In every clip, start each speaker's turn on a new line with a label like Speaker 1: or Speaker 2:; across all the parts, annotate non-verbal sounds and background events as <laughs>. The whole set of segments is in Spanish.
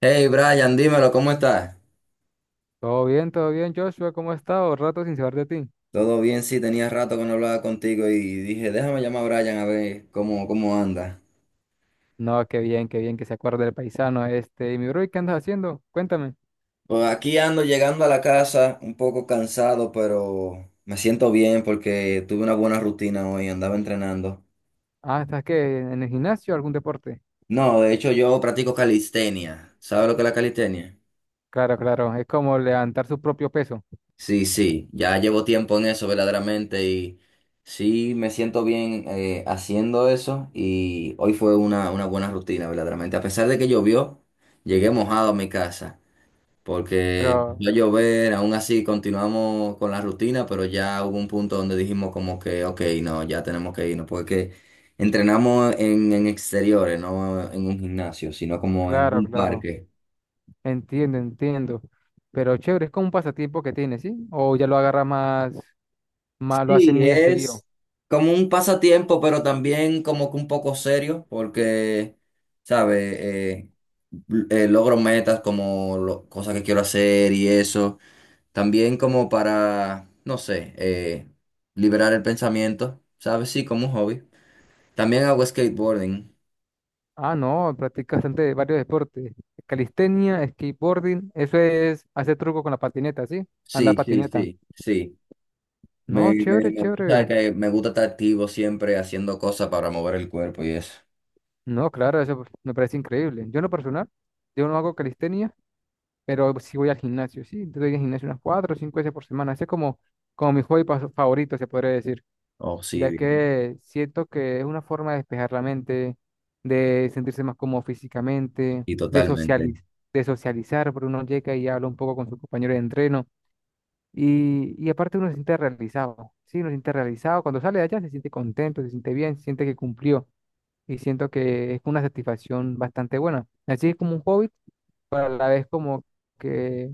Speaker 1: Hey Brian, dímelo, ¿cómo estás?
Speaker 2: Todo bien, Joshua, ¿cómo has estado? Rato sin saber de ti.
Speaker 1: Todo bien, sí, tenía rato que no hablaba contigo y dije, déjame llamar a Brian a ver cómo anda.
Speaker 2: No, qué bien que se acuerde del paisano este. Y mi bro, ¿y qué andas haciendo? Cuéntame.
Speaker 1: Pues aquí ando llegando a la casa, un poco cansado, pero me siento bien porque tuve una buena rutina hoy, andaba entrenando.
Speaker 2: Ah, ¿estás qué? ¿En el gimnasio algún deporte?
Speaker 1: No, de hecho yo practico calistenia. ¿Sabes lo que es la calistenia?
Speaker 2: Claro, claro, es como levantar su propio peso.
Speaker 1: Sí, sí, ya llevo tiempo en eso verdaderamente y sí me siento bien haciendo eso y hoy fue una buena rutina verdaderamente. A pesar de que llovió, llegué mojado a mi casa porque
Speaker 2: Pero,
Speaker 1: empezó a llover, aún así continuamos con la rutina, pero ya hubo un punto donde dijimos como que, ok, no, ya tenemos que irnos porque entrenamos en exteriores, no en un gimnasio, sino como en
Speaker 2: claro,
Speaker 1: un
Speaker 2: claro,
Speaker 1: parque.
Speaker 2: entiendo. Pero chévere, es como un pasatiempo que tienes, ¿sí? O ya lo agarra más, más, lo hace
Speaker 1: Sí,
Speaker 2: muy a seguido.
Speaker 1: es como un pasatiempo, pero también como que un poco serio, porque, ¿sabes? Logro metas como cosas que quiero hacer y eso. También como para, no sé, liberar el pensamiento, ¿sabes? Sí, como un hobby. También hago skateboarding.
Speaker 2: Ah, no, practica bastante varios deportes. Calistenia, skateboarding, eso es hacer truco con la patineta, ¿sí? Andar
Speaker 1: Sí, sí,
Speaker 2: patineta.
Speaker 1: sí, sí.
Speaker 2: No, chévere,
Speaker 1: Tú sabes
Speaker 2: chévere.
Speaker 1: que me gusta estar activo siempre haciendo cosas para mover el cuerpo y eso.
Speaker 2: No, claro, eso me parece increíble. Yo en lo personal, yo no hago calistenia, pero sí voy al gimnasio, sí. Yo voy al gimnasio unas cuatro o cinco veces por semana. Ese es como, como mi hobby pas- favorito, se podría decir,
Speaker 1: Oh, sí,
Speaker 2: ya
Speaker 1: bien.
Speaker 2: que siento que es una forma de despejar la mente, de sentirse más cómodo físicamente,
Speaker 1: Y
Speaker 2: de
Speaker 1: totalmente.
Speaker 2: socializ- de socializar, porque uno llega y habla un poco con sus compañeros de entreno. Y aparte uno se siente realizado, sí, uno se siente realizado. Cuando sale de allá se siente contento, se siente bien, se siente que cumplió. Y siento que es una satisfacción bastante buena. Así es como un hobby, pero a la vez como que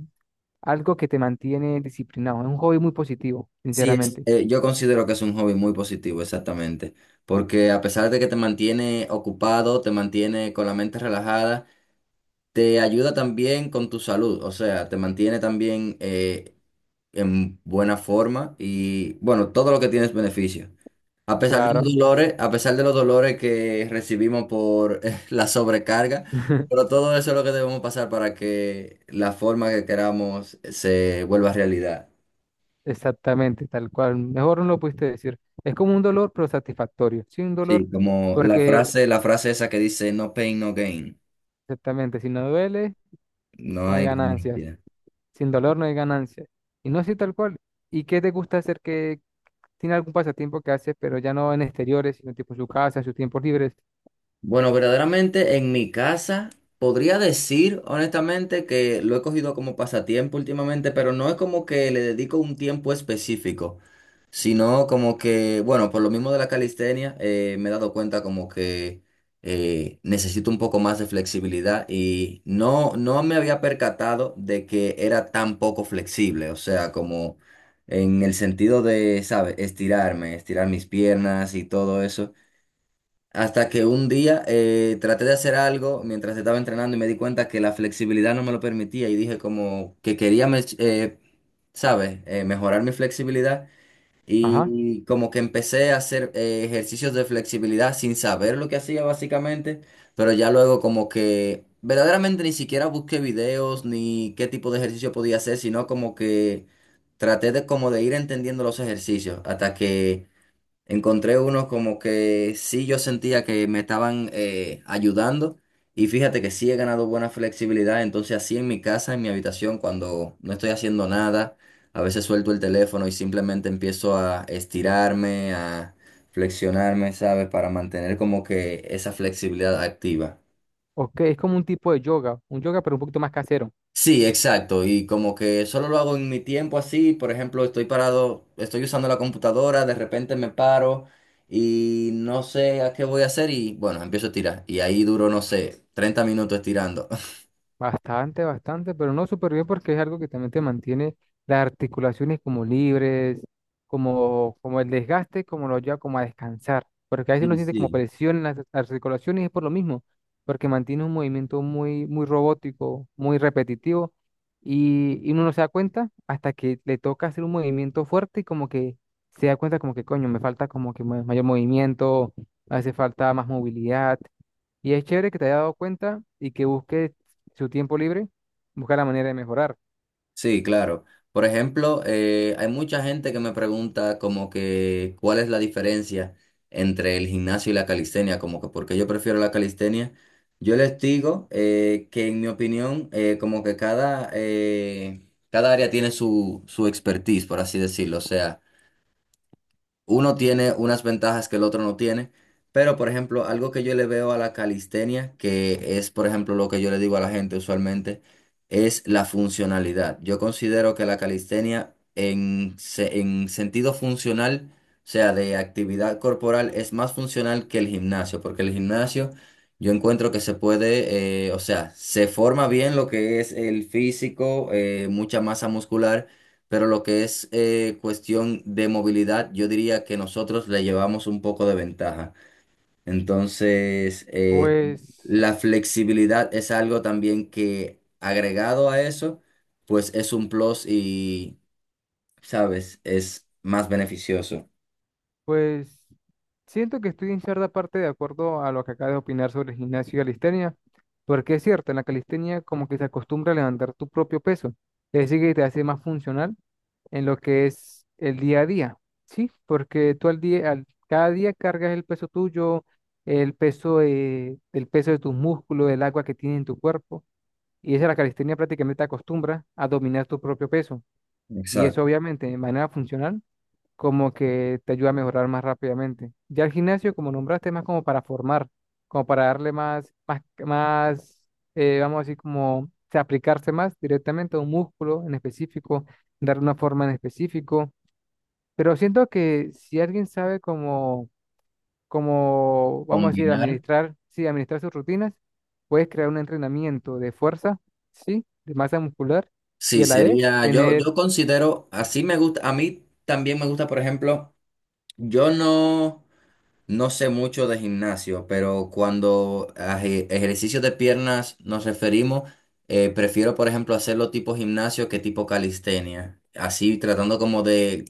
Speaker 2: algo que te mantiene disciplinado. Es un hobby muy positivo, sinceramente.
Speaker 1: Yo considero que es un hobby muy positivo, exactamente, porque a pesar de que te mantiene ocupado, te mantiene con la mente relajada, te ayuda también con tu salud, o sea, te mantiene también en buena forma y bueno, todo lo que tienes beneficio. A pesar de
Speaker 2: Claro.
Speaker 1: los dolores, a pesar de los dolores que recibimos por <laughs> la sobrecarga, pero
Speaker 2: <laughs>
Speaker 1: todo eso es lo que debemos pasar para que la forma que queramos se vuelva realidad.
Speaker 2: Exactamente, tal cual. Mejor no lo pudiste decir. Es como un dolor, pero satisfactorio. Sin dolor,
Speaker 1: Sí, como
Speaker 2: porque
Speaker 1: la frase esa que dice no pain, no gain.
Speaker 2: exactamente, si no duele,
Speaker 1: No
Speaker 2: no hay
Speaker 1: hay
Speaker 2: ganancias.
Speaker 1: ganancia.
Speaker 2: Sin dolor no hay ganancias. Y no así tal cual. ¿Y qué te gusta hacer que tiene algún pasatiempo que haces, pero ya no en exteriores, sino tipo en su casa, en sus tiempos libres?
Speaker 1: Bueno, verdaderamente en mi casa podría decir honestamente que lo he cogido como pasatiempo últimamente, pero no es como que le dedico un tiempo específico. Sino como que, bueno, por lo mismo de la calistenia, me he dado cuenta como que necesito un poco más de flexibilidad y no me había percatado de que era tan poco flexible, o sea, como en el sentido de, ¿sabes? Estirarme, estirar mis piernas y todo eso. Hasta que un día traté de hacer algo mientras estaba entrenando y me di cuenta que la flexibilidad no me lo permitía y dije como que ¿sabes? Mejorar mi flexibilidad.
Speaker 2: Ajá.
Speaker 1: Y como que empecé a hacer ejercicios de flexibilidad sin saber lo que hacía básicamente, pero ya luego como que verdaderamente ni siquiera busqué videos ni qué tipo de ejercicio podía hacer, sino como que traté de como de ir entendiendo los ejercicios hasta que encontré unos como que sí yo sentía que me estaban ayudando y fíjate que sí he ganado buena flexibilidad, entonces así en mi casa, en mi habitación, cuando no estoy haciendo nada, a veces suelto el teléfono y simplemente empiezo a estirarme, a flexionarme, ¿sabes? Para mantener como que esa flexibilidad activa.
Speaker 2: Ok, es como un tipo de yoga, un yoga pero un poquito más casero.
Speaker 1: Sí, exacto. Y como que solo lo hago en mi tiempo así. Por ejemplo, estoy parado, estoy usando la computadora, de repente me paro y no sé a qué voy a hacer y bueno, empiezo a tirar. Y ahí duro, no sé, 30 minutos tirando. <laughs>
Speaker 2: Bastante, bastante, pero no súper bien porque es algo que también te mantiene las articulaciones como libres, como, como el desgaste, como lo lleva como a descansar. Porque a veces uno
Speaker 1: Sí,
Speaker 2: siente como
Speaker 1: sí.
Speaker 2: presión en las articulaciones y es por lo mismo, porque mantiene un movimiento muy, muy robótico, muy repetitivo y uno no se da cuenta hasta que le toca hacer un movimiento fuerte y como que se da cuenta como que coño, me falta como que ma- mayor movimiento, hace falta más movilidad. Y es chévere que te haya dado cuenta y que busques su tiempo libre, buscar la manera de mejorar.
Speaker 1: Sí, claro. Por ejemplo, hay mucha gente que me pregunta como que cuál es la diferencia entre el gimnasio y la calistenia, como que por qué yo prefiero la calistenia. Yo les digo que en mi opinión, cada área tiene su expertise, por así decirlo. O sea, uno tiene unas ventajas que el otro no tiene, pero por ejemplo, algo que yo le veo a la calistenia, que es por ejemplo lo que yo le digo a la gente usualmente, es la funcionalidad. Yo considero que la calistenia en sentido funcional, o sea, de actividad corporal, es más funcional que el gimnasio, porque el gimnasio yo encuentro que se puede, o sea, se forma bien lo que es el físico, mucha masa muscular pero lo que es cuestión de movilidad, yo diría que nosotros le llevamos un poco de ventaja. Entonces,
Speaker 2: Pues,
Speaker 1: la flexibilidad es algo también que agregado a eso, pues es un plus y, ¿sabes? Es más beneficioso.
Speaker 2: pues, siento que estoy en cierta parte de acuerdo a lo que acabas de opinar sobre el gimnasio y calistenia, porque es cierto, en la calistenia como que se acostumbra a levantar tu propio peso, es decir, que te hace más funcional en lo que es el día a día, ¿sí? Porque tú al día, al- cada día cargas el peso tuyo, el peso de tus músculos, el agua que tiene en tu cuerpo. Y esa la calistenia prácticamente te acostumbra a dominar tu propio peso. Y
Speaker 1: Exacto.
Speaker 2: eso obviamente de manera funcional como que te ayuda a mejorar más rápidamente. Ya el gimnasio, como nombraste, es más como para formar, como para darle más, más, más vamos a decir, como o sea, aplicarse más directamente a un músculo en específico, darle una forma en específico. Pero siento que si alguien sabe como como, vamos a decir,
Speaker 1: Combinar.
Speaker 2: administrar, sí, administrar sus rutinas, puedes crear un entrenamiento de fuerza, sí, de masa muscular y
Speaker 1: Sí,
Speaker 2: a la vez
Speaker 1: sería,
Speaker 2: tener,
Speaker 1: yo considero, así me gusta, a mí también me gusta, por ejemplo, yo no... No sé mucho de gimnasio, pero cuando a ejercicios de piernas nos referimos, prefiero, por ejemplo, hacerlo tipo gimnasio que tipo calistenia. Así tratando como de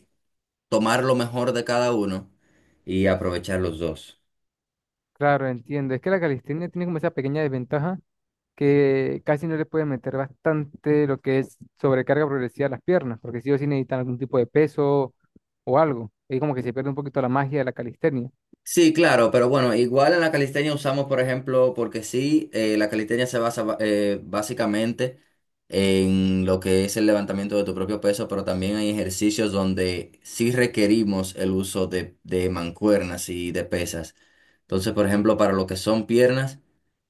Speaker 1: tomar lo mejor de cada uno y aprovechar los dos.
Speaker 2: claro, entiendo, es que la calistenia tiene como esa pequeña desventaja que casi no le puede meter bastante lo que es sobrecarga progresiva a las piernas, porque sí o sí necesitan algún tipo de peso o algo. Ahí como que se pierde un poquito la magia de la calistenia.
Speaker 1: Sí, claro, pero bueno, igual en la calistenia usamos, por ejemplo, porque sí, la calistenia se basa básicamente en lo que es el levantamiento de tu propio peso, pero también hay ejercicios donde sí requerimos el uso de mancuernas y de pesas. Entonces, por ejemplo, para lo que son piernas,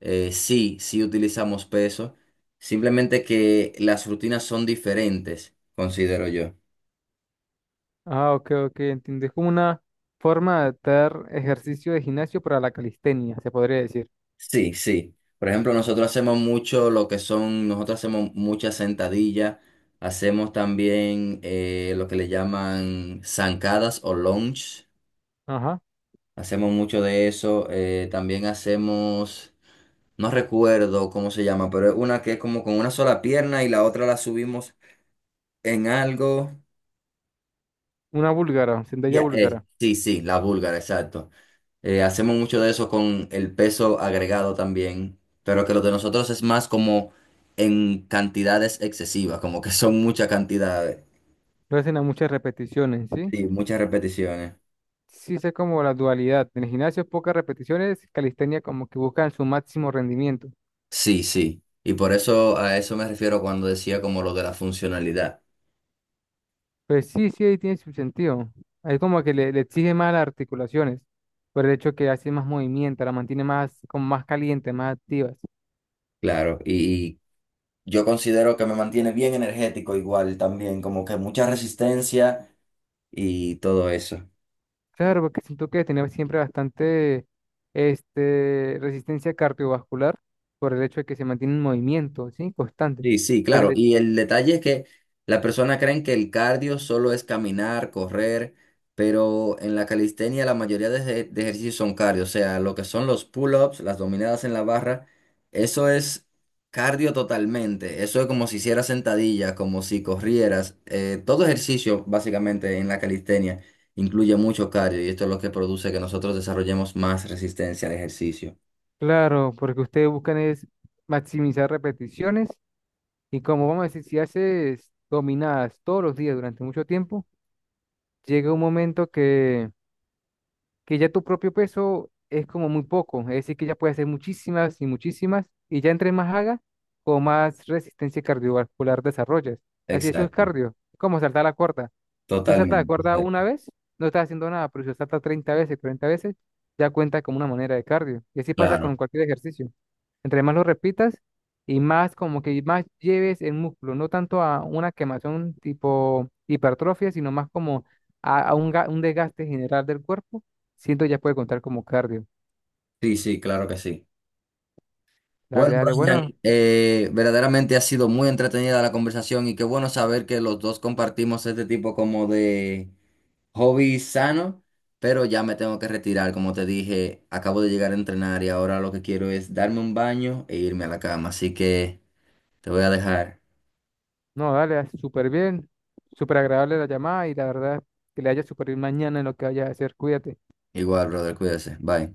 Speaker 1: sí utilizamos peso, simplemente que las rutinas son diferentes, considero yo.
Speaker 2: Ah, ok, ok, entiendo. Es como una forma de adaptar ejercicio de gimnasio para la calistenia, se podría decir.
Speaker 1: Sí, sí. Por ejemplo, nosotros hacemos muchas sentadillas, hacemos también lo que le llaman zancadas o lunge,
Speaker 2: Ajá.
Speaker 1: hacemos mucho de eso, también hacemos, no recuerdo cómo se llama, pero es una que es como con una sola pierna y la otra la subimos en algo.
Speaker 2: Una búlgara, sentadilla
Speaker 1: Ya,
Speaker 2: búlgara.
Speaker 1: sí, sí, la búlgara, exacto. Hacemos mucho de eso con el peso agregado también, pero que lo de nosotros es más como en cantidades excesivas, como que son muchas cantidades,
Speaker 2: No hacen a muchas repeticiones, ¿sí?
Speaker 1: sí, muchas repeticiones.
Speaker 2: Sí sé como la dualidad. En el gimnasio pocas repeticiones, calistenia como que buscan su máximo rendimiento.
Speaker 1: Sí, sí. Y por eso a eso me refiero cuando decía como lo de la funcionalidad.
Speaker 2: Pues sí, sí, ahí tiene su sentido. Ahí como que le exige más las articulaciones, por el hecho que hace más movimiento, la mantiene más, como más caliente, más activas.
Speaker 1: Claro, y yo considero que me mantiene bien energético igual también, como que mucha resistencia y todo eso.
Speaker 2: Claro, porque siento que tener siempre bastante este, resistencia cardiovascular, por el hecho de que se mantiene en movimiento, ¿sí? Constante.
Speaker 1: Sí, sí,
Speaker 2: La,
Speaker 1: claro. Y el detalle es que las personas creen que el cardio solo es caminar, correr, pero en la calistenia la mayoría de ejercicios son cardio. O sea, lo que son los pull-ups, las dominadas en la barra, eso es cardio totalmente. Eso es como si hicieras sentadillas, como si corrieras. Todo ejercicio, básicamente, en la calistenia incluye mucho cardio y esto es lo que produce que nosotros desarrollemos más resistencia al ejercicio.
Speaker 2: claro, porque ustedes buscan es maximizar repeticiones y como vamos a decir, si haces dominadas todos los días durante mucho tiempo, llega un momento que ya tu propio peso es como muy poco, es decir, que ya puedes hacer muchísimas y muchísimas y ya entre más hagas, con más resistencia cardiovascular desarrollas. Así eso es
Speaker 1: Exacto,
Speaker 2: cardio, es como saltar la cuerda. Si tú saltas la cuerda
Speaker 1: totalmente.
Speaker 2: una vez, no estás haciendo nada, pero si lo saltas 30 veces, 40 veces, ya cuenta como una manera de cardio. Y así pasa
Speaker 1: Claro.
Speaker 2: con cualquier ejercicio. Entre más lo repitas y más como que más lleves el músculo, no tanto a una quemación tipo hipertrofia, sino más como a un, ga- un desgaste general del cuerpo, siento ya puede contar como cardio.
Speaker 1: Sí, sí, claro que sí. Bueno,
Speaker 2: Dale, dale,
Speaker 1: Brian,
Speaker 2: bueno,
Speaker 1: verdaderamente ha sido muy entretenida la conversación y qué bueno saber que los dos compartimos este tipo como de hobby sano, pero ya me tengo que retirar, como te dije, acabo de llegar a entrenar y ahora lo que quiero es darme un baño e irme a la cama, así que te voy a dejar.
Speaker 2: no, dale, súper bien, súper agradable la llamada y la verdad que le haya súper bien mañana en lo que vaya a hacer, cuídate.
Speaker 1: Igual, brother, cuídese. Bye.